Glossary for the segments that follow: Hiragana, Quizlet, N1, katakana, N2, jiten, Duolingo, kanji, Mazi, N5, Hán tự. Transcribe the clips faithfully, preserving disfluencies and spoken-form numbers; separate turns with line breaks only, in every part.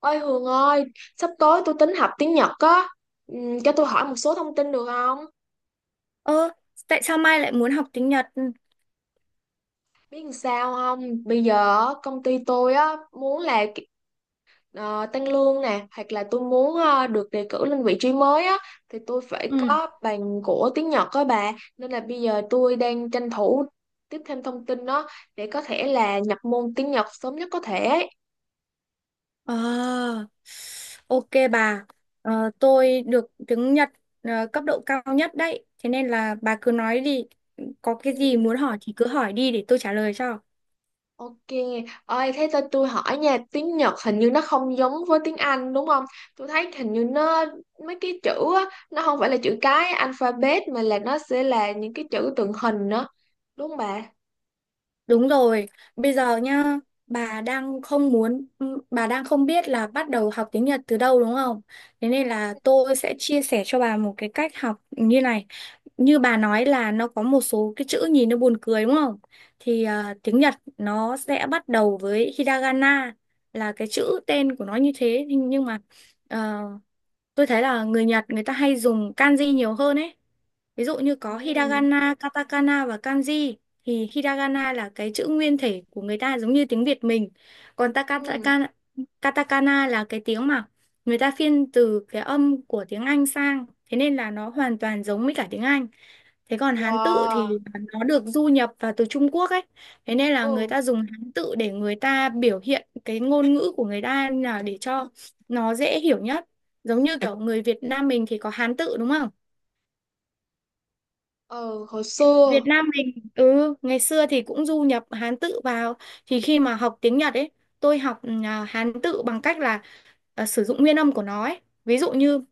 Ôi Hường ơi, sắp tới tôi tính học tiếng Nhật á. Ừm, cho tôi hỏi một số thông tin được không?
Ơ, Tại sao Mai lại muốn học tiếng Nhật?
Biết làm sao không? Bây giờ á, công ty tôi á muốn là ờ, tăng lương nè, hoặc là tôi muốn ờ, được đề cử lên vị trí mới á, thì tôi phải
Ừ.
có bằng của tiếng Nhật á bà, nên là bây giờ tôi đang tranh thủ tiếp thêm thông tin đó để có thể là nhập môn tiếng Nhật sớm nhất có thể.
Ờ, ok bà. Ờ, tôi được tiếng Nhật ờ, cấp độ cao nhất đấy. Thế nên là bà cứ nói đi. Có
Ừ.
cái gì muốn hỏi thì cứ hỏi đi để tôi trả lời cho.
Ok, ơi thế cho tôi hỏi nha, tiếng Nhật hình như nó không giống với tiếng Anh đúng không? Tôi thấy hình như nó mấy cái chữ á, nó không phải là chữ cái alphabet mà là nó sẽ là những cái chữ tượng hình đó, đúng không bà?
Đúng rồi, bây giờ nhá, bà đang không muốn, ừm, bà đang không biết là bắt đầu học tiếng Nhật từ đâu đúng không? Thế nên là tôi sẽ chia sẻ cho bà một cái cách học như này. Như bà nói là nó có một số cái chữ nhìn nó buồn cười đúng không? Thì à, tiếng Nhật nó sẽ bắt đầu với Hiragana là cái chữ tên của nó như thế. Nhưng nhưng mà ờ, tôi thấy là người Nhật người ta hay dùng kanji nhiều hơn ấy. Ví dụ như có
Ừ,
hiragana, katakana và kanji, thì hiragana là cái chữ nguyên thể của người ta giống như tiếng Việt mình. Còn ta-
ừ,
katakana, katakana là cái tiếng mà người ta phiên từ cái âm của tiếng Anh sang. Thế nên là nó hoàn toàn giống với cả tiếng Anh. Thế còn Hán tự
wow,
thì nó được du nhập vào từ Trung Quốc ấy. Thế nên là người
ừ,
ta dùng Hán tự để người ta biểu hiện cái ngôn ngữ của người ta là để cho nó dễ hiểu nhất. Giống như kiểu người Việt Nam mình thì có Hán tự đúng không?
ừ, hồi
Việt
xưa,
Nam mình ừ ngày xưa thì cũng du nhập Hán tự vào, thì khi mà học tiếng Nhật ấy, tôi học ừ, à, Hán tự bằng cách là à, sử dụng nguyên âm của nó ấy, ví dụ như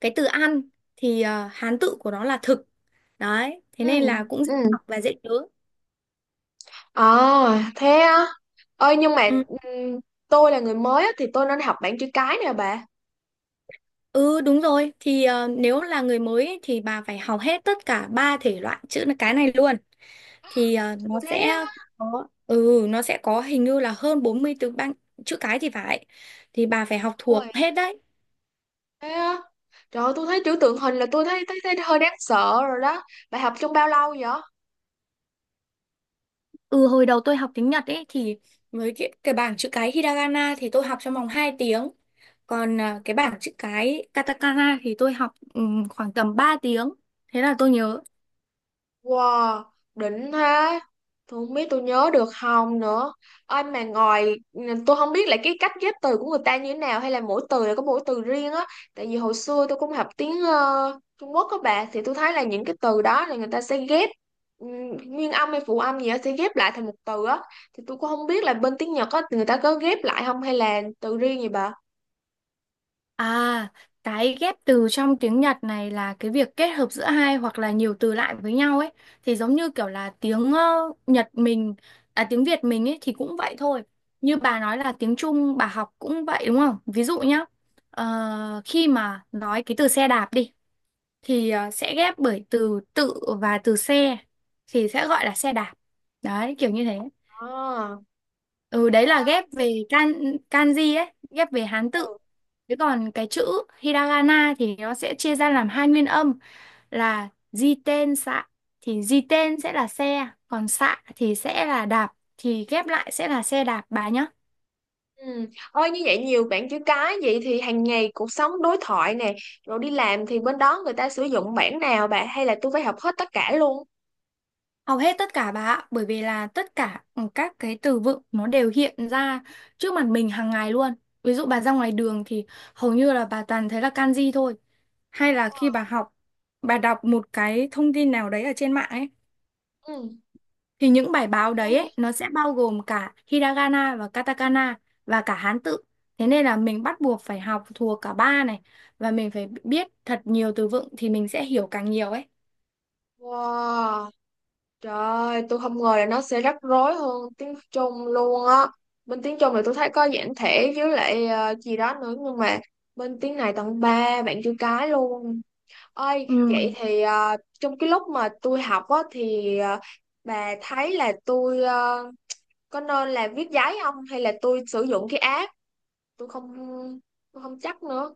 cái từ ăn thì à, Hán tự của nó là thực đấy, thế
ừ,
nên là cũng dễ
ừ,
học và dễ nhớ.
à, thế á, ơi nhưng mà
Ừ,
ừ, tôi là người mới á, thì tôi nên học bảng chữ cái nè bà,
ừ, đúng rồi, thì à, nếu là người mới ấy, thì bà phải học hết tất cả ba thể loại chữ cái này luôn. Thì à,
kiểu
nó
thế
sẽ có, ừ nó sẽ có hình như là hơn bốn mươi từ ban chữ cái thì phải, thì bà phải học thuộc
á.
hết đấy.
Thế á? Trời ơi, tôi thấy chữ tượng hình là tôi thấy, thấy thấy hơi đáng sợ rồi đó. Bà học trong bao lâu vậy?
Ừ hồi đầu tôi học tiếng Nhật ấy, thì với cái, cái bảng chữ cái hiragana thì tôi học trong vòng hai tiếng. Còn à, cái bảng chữ cái katakana thì tôi học ừm, khoảng tầm ba tiếng. Thế là tôi nhớ.
Wow, đỉnh thế. Tôi không biết tôi nhớ được không nữa. Ơi mà ngoài tôi không biết là cái cách ghép từ của người ta như thế nào hay là mỗi từ là có mỗi từ riêng á. Tại vì hồi xưa tôi cũng học tiếng ờ, Trung Quốc các bạn thì tôi thấy là những cái từ đó là người ta sẽ ghép ừm, nguyên âm hay phụ âm gì đó sẽ ghép lại thành một từ á. Thì tôi cũng không biết là bên tiếng Nhật á người ta có ghép lại không hay là từ riêng gì bà?
À, cái ghép từ trong tiếng Nhật này là cái việc kết hợp giữa hai hoặc là nhiều từ lại với nhau ấy. Thì giống như kiểu là tiếng ờ, Nhật mình, à, tiếng Việt mình ấy, thì cũng vậy thôi. Như bà nói là tiếng Trung bà học cũng vậy đúng không? Ví dụ nhá, ờ, khi mà nói cái từ xe đạp đi, thì ờ, sẽ ghép bởi từ tự và từ xe, thì sẽ gọi là xe đạp, đấy kiểu như thế. ừ Đấy là ghép về kan kanji ấy, ghép về Hán tự.
À.
Thế còn cái chữ hiragana thì nó sẽ chia ra làm hai nguyên âm là jiten xạ, thì jiten sẽ là xe, còn xạ thì sẽ là đạp, thì ghép lại sẽ là xe đạp, bà nhá.
Ừ. Ôi như vậy nhiều bạn chữ cái vậy thì hàng ngày cuộc sống đối thoại nè rồi đi làm thì bên đó người ta sử dụng bản nào bạn hay là tôi phải học hết tất cả luôn.
Hầu hết tất cả bà ạ, bởi vì là tất cả ừ, các cái từ vựng nó đều hiện ra trước mặt mình hàng ngày luôn. Ví dụ bà ra ngoài đường thì hầu như là bà toàn thấy là kanji thôi. Hay là
Ờ,
khi bà học, bà đọc một cái thông tin nào đấy ở trên mạng ấy,
ừ.
thì những bài báo đấy ấy, nó sẽ bao gồm cả hiragana và katakana và cả Hán tự. Thế nên là mình bắt buộc phải học thuộc cả ba này, và mình phải biết thật nhiều từ vựng thì mình sẽ hiểu càng nhiều ấy.
Wow, trời ơi, tôi không ngờ là nó sẽ rắc rối hơn tiếng Trung luôn á. Bên tiếng Trung thì tôi thấy có giản thể với lại ờ, gì đó nữa nhưng mà bên tiếng này tận ba bạn chữ cái luôn. Ơi vậy
Ừ.
thì ờ, trong cái lúc mà tôi học á thì ờ, bà thấy là tôi ờ, có nên là viết giấy không hay là tôi sử dụng cái app, tôi không tôi không chắc nữa,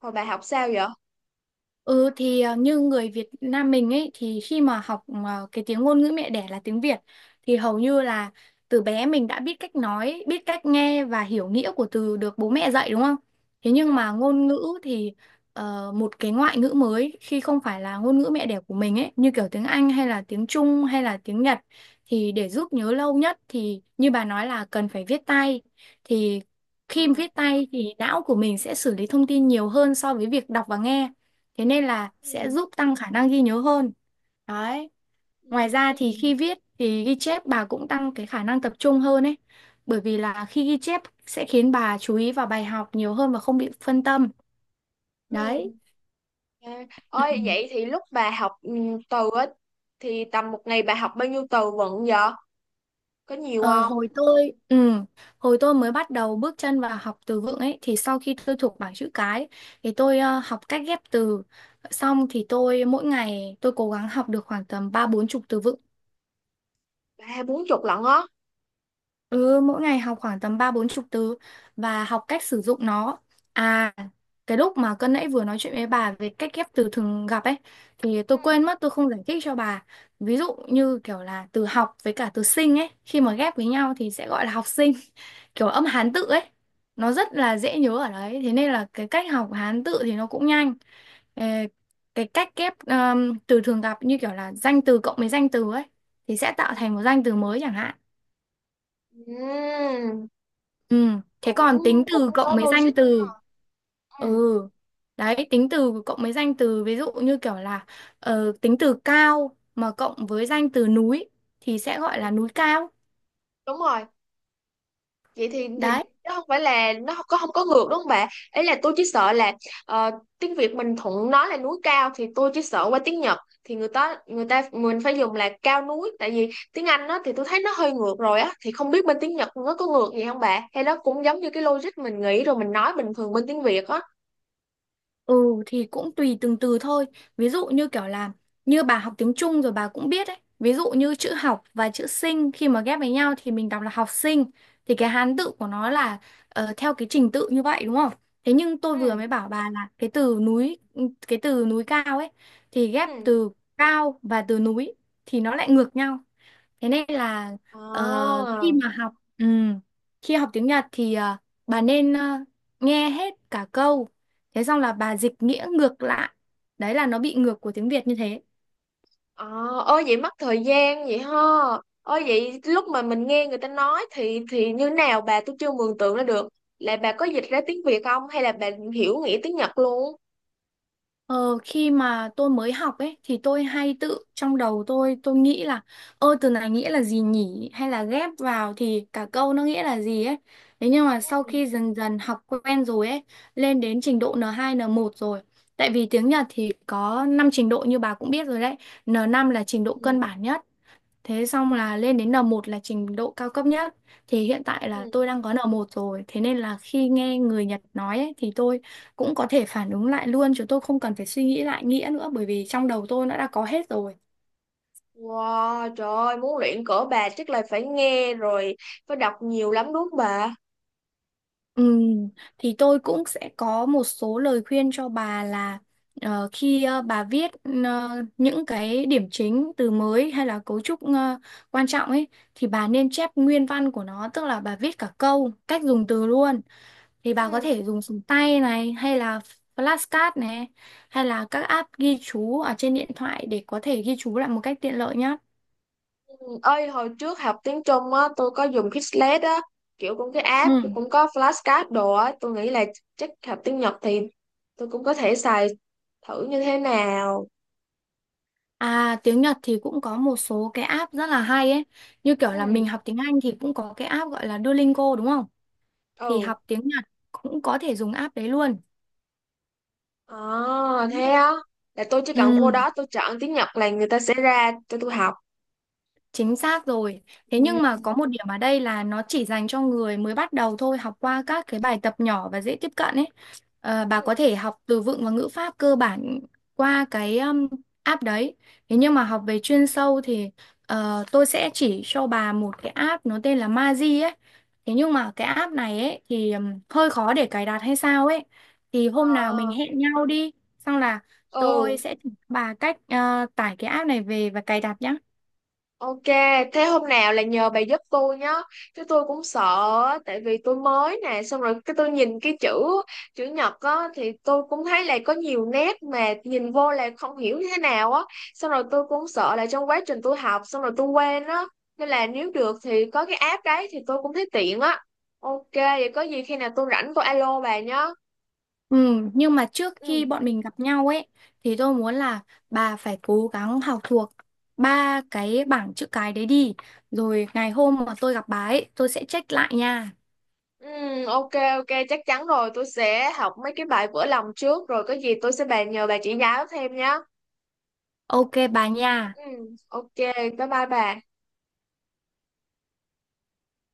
hồi bà học sao vậy?
Ừ thì à, như người Việt Nam mình ấy, thì khi mà học à, cái tiếng ngôn ngữ mẹ đẻ là tiếng Việt, thì hầu như là từ bé mình đã biết cách nói, biết cách nghe và hiểu nghĩa của từ được bố mẹ dạy đúng không? Thế
Ừ.
nhưng mà ngôn ngữ thì ờ, một cái ngoại ngữ mới khi không phải là ngôn ngữ mẹ đẻ của mình ấy, như kiểu tiếng Anh hay là tiếng Trung hay là tiếng Nhật, thì để giúp nhớ lâu nhất thì như bà nói là cần phải viết tay. Thì
Ờ,
khi viết tay thì não của mình sẽ xử lý thông tin nhiều hơn so với việc đọc và nghe. Thế nên là sẽ
Ừ.
giúp tăng khả năng ghi nhớ hơn. Đấy.
Ừ.
Ngoài ra thì khi viết thì ghi chép bà cũng tăng cái khả năng tập trung hơn ấy. Bởi vì là khi ghi chép sẽ khiến bà chú ý vào bài học nhiều hơn và không bị phân tâm.
Ừ.
Đấy.
À,
Ừ.
ôi vậy thì lúc bà học ừ, từ á thì tầm một ngày bà học bao nhiêu từ vựng vậy, có nhiều
Ờ,
không?
hồi tôi ừ, hồi tôi mới bắt đầu bước chân vào học từ vựng ấy, thì sau khi tôi thuộc bảng chữ cái thì tôi ờ, học cách ghép từ, xong thì tôi, mỗi ngày tôi cố gắng học được khoảng tầm ba bốn chục từ vựng.
Ba hai bốn chục lận á.
Ừ, mỗi ngày học khoảng tầm ba bốn chục từ và học cách sử dụng nó. À, cái lúc mà cân nãy vừa nói chuyện với bà về cách ghép từ thường gặp ấy, thì
Ừ.
tôi quên mất tôi không giải thích cho bà. Ví dụ như kiểu là từ học với cả từ sinh ấy, khi mà ghép với nhau thì sẽ gọi là học sinh, kiểu âm Hán tự ấy. Nó rất là dễ nhớ ở đấy, thế nên là cái cách học Hán tự thì nó cũng nhanh. Ờ, cái cách ghép ờm, từ thường gặp như kiểu là danh từ cộng với danh từ ấy, thì sẽ tạo
Ừ.
thành một danh từ mới chẳng hạn.
Ừ.
Ừ, Thế
Cũng
còn tính
cũng
từ
có
cộng mấy danh
logic nha.
từ.
Ừ.
Ừ. Đấy, tính từ cộng mấy danh từ, ví dụ như kiểu là ờ, tính từ cao mà cộng với danh từ núi thì sẽ
Ừ.
gọi là núi cao.
Đúng rồi, vậy thì thì
Đấy.
nó không phải là nó không có không có ngược đúng không bà, ấy là tôi chỉ sợ là ờ, tiếng Việt mình thuận nói là núi cao thì tôi chỉ sợ qua tiếng Nhật thì người ta người ta mình phải dùng là cao núi, tại vì tiếng Anh nó thì tôi thấy nó hơi ngược rồi á, thì không biết bên tiếng Nhật nó có ngược gì không bà hay nó cũng giống như cái logic mình nghĩ rồi mình nói bình thường bên tiếng Việt á.
Ừ thì cũng tùy từng từ thôi. Ví dụ như kiểu là như bà học tiếng Trung rồi bà cũng biết ấy. Ví dụ như chữ học và chữ sinh khi mà ghép với nhau thì mình đọc là học sinh. Thì cái Hán tự của nó là ờ, theo cái trình tự như vậy đúng không? Thế nhưng tôi vừa
Ừ,
mới bảo bà là cái từ núi cái từ núi cao ấy, thì ghép
ừ,
từ cao và từ núi thì nó lại ngược nhau. Thế nên là ờ, khi
Ờ.
mà học ừ, khi học tiếng Nhật thì ờ, bà nên ờ, nghe hết cả câu. Thế xong là bà dịch nghĩa ngược lại. Đấy là nó bị ngược của tiếng Việt như thế.
Ờ, ôi vậy mất thời gian vậy ha. Ôi vậy lúc mà mình nghe người ta nói thì thì như nào bà, tôi chưa mường tượng ra được. Là bà có dịch ra tiếng Việt không hay là bà hiểu nghĩa tiếng Nhật luôn?
Ờ, Khi mà tôi mới học ấy thì tôi hay tự trong đầu tôi tôi nghĩ là, ơ từ này nghĩa là gì nhỉ, hay là ghép vào thì cả câu nó nghĩa là gì ấy. Thế nhưng mà sau
Ừ.
khi dần dần học quen rồi ấy, lên đến trình độ en hai en một rồi. Tại vì tiếng Nhật thì có năm trình độ như bà cũng biết rồi đấy. en năm là trình độ
Ừ,
cơ bản nhất, thế xong là lên đến en một là trình độ cao cấp nhất. Thì hiện tại là
ừ.
tôi đang có en một rồi. Thế nên là khi nghe người Nhật nói ấy, thì tôi cũng có thể phản ứng lại luôn. Chứ tôi không cần phải suy nghĩ lại nghĩa nữa. Bởi vì trong đầu tôi nó đã có hết rồi.
Wow, trời ơi, muốn luyện cỡ bà chắc là phải nghe rồi, phải đọc nhiều lắm đúng không bà?
Ừm, thì tôi cũng sẽ có một số lời khuyên cho bà là ờ, khi ờ, bà viết ờ, những cái điểm chính, từ mới hay là cấu trúc ờ, quan trọng ấy, thì bà nên chép nguyên văn của nó. Tức là bà viết cả câu, cách dùng từ luôn. Thì bà có
Ừ.
thể dùng súng tay này, hay là flashcard này, hay là các app ghi chú ở trên điện thoại để có thể ghi chú lại một cách tiện lợi nhé.
Ừ. Ơi hồi trước học tiếng Trung á, tôi có dùng Quizlet á, kiểu cũng cái app, tôi
Ừ.
cũng có flashcard đồ á, tôi nghĩ là chắc học tiếng Nhật thì tôi cũng có thể xài thử như thế nào.
À tiếng Nhật thì cũng có một số cái app rất là hay ấy. Như kiểu
Ừ.
là mình học tiếng Anh thì cũng có cái app gọi là Duolingo đúng không? Thì
Ừ.
học tiếng Nhật cũng có thể dùng app đấy luôn.
À, thế á. Là tôi chỉ cần vô
Ừ.
đó tôi chọn tiếng Nhật là người ta sẽ ra cho tôi học.
Chính xác rồi. Thế
Ừ.
nhưng mà có một điểm ở đây là nó chỉ dành cho người mới bắt đầu thôi, học qua các cái bài tập nhỏ và dễ tiếp cận ấy. Ờ, bà
Ừ.
có thể học từ vựng và ngữ pháp cơ bản qua cái um, app đấy. Thế nhưng mà học về chuyên sâu thì ờ, tôi sẽ chỉ cho bà một cái app nó tên là Mazi ấy. Thế nhưng mà cái app này ấy thì um, hơi khó để cài đặt hay sao ấy. Thì hôm nào mình
À,
hẹn nhau đi, xong là tôi
ừ.
sẽ chỉ cho bà cách ờ, tải cái app này về và cài đặt nhá.
Ok, thế hôm nào là nhờ bà giúp tôi nhá. Chứ tôi cũng sợ á, tại vì tôi mới nè, xong rồi cái tôi nhìn cái chữ chữ nhật á thì tôi cũng thấy là có nhiều nét mà nhìn vô là không hiểu như thế nào á. Xong rồi tôi cũng sợ là trong quá trình tôi học xong rồi tôi quên á. Nên là nếu được thì có cái app đấy thì tôi cũng thấy tiện á. Ok, vậy có gì khi nào tôi rảnh tôi alo bà nhá.
Ừ, nhưng mà trước khi
Ừ.
bọn mình gặp nhau ấy thì tôi muốn là bà phải cố gắng học thuộc ba cái bảng chữ cái đấy đi. Rồi ngày hôm mà tôi gặp bà ấy, tôi sẽ check lại nha.
Ừ, ok, ok chắc chắn rồi, tôi sẽ học mấy cái bài vỡ lòng trước rồi có gì tôi sẽ bàn nhờ bà chỉ giáo thêm nhá.
Ok bà nha.
Ừ, ok, bye bye bà.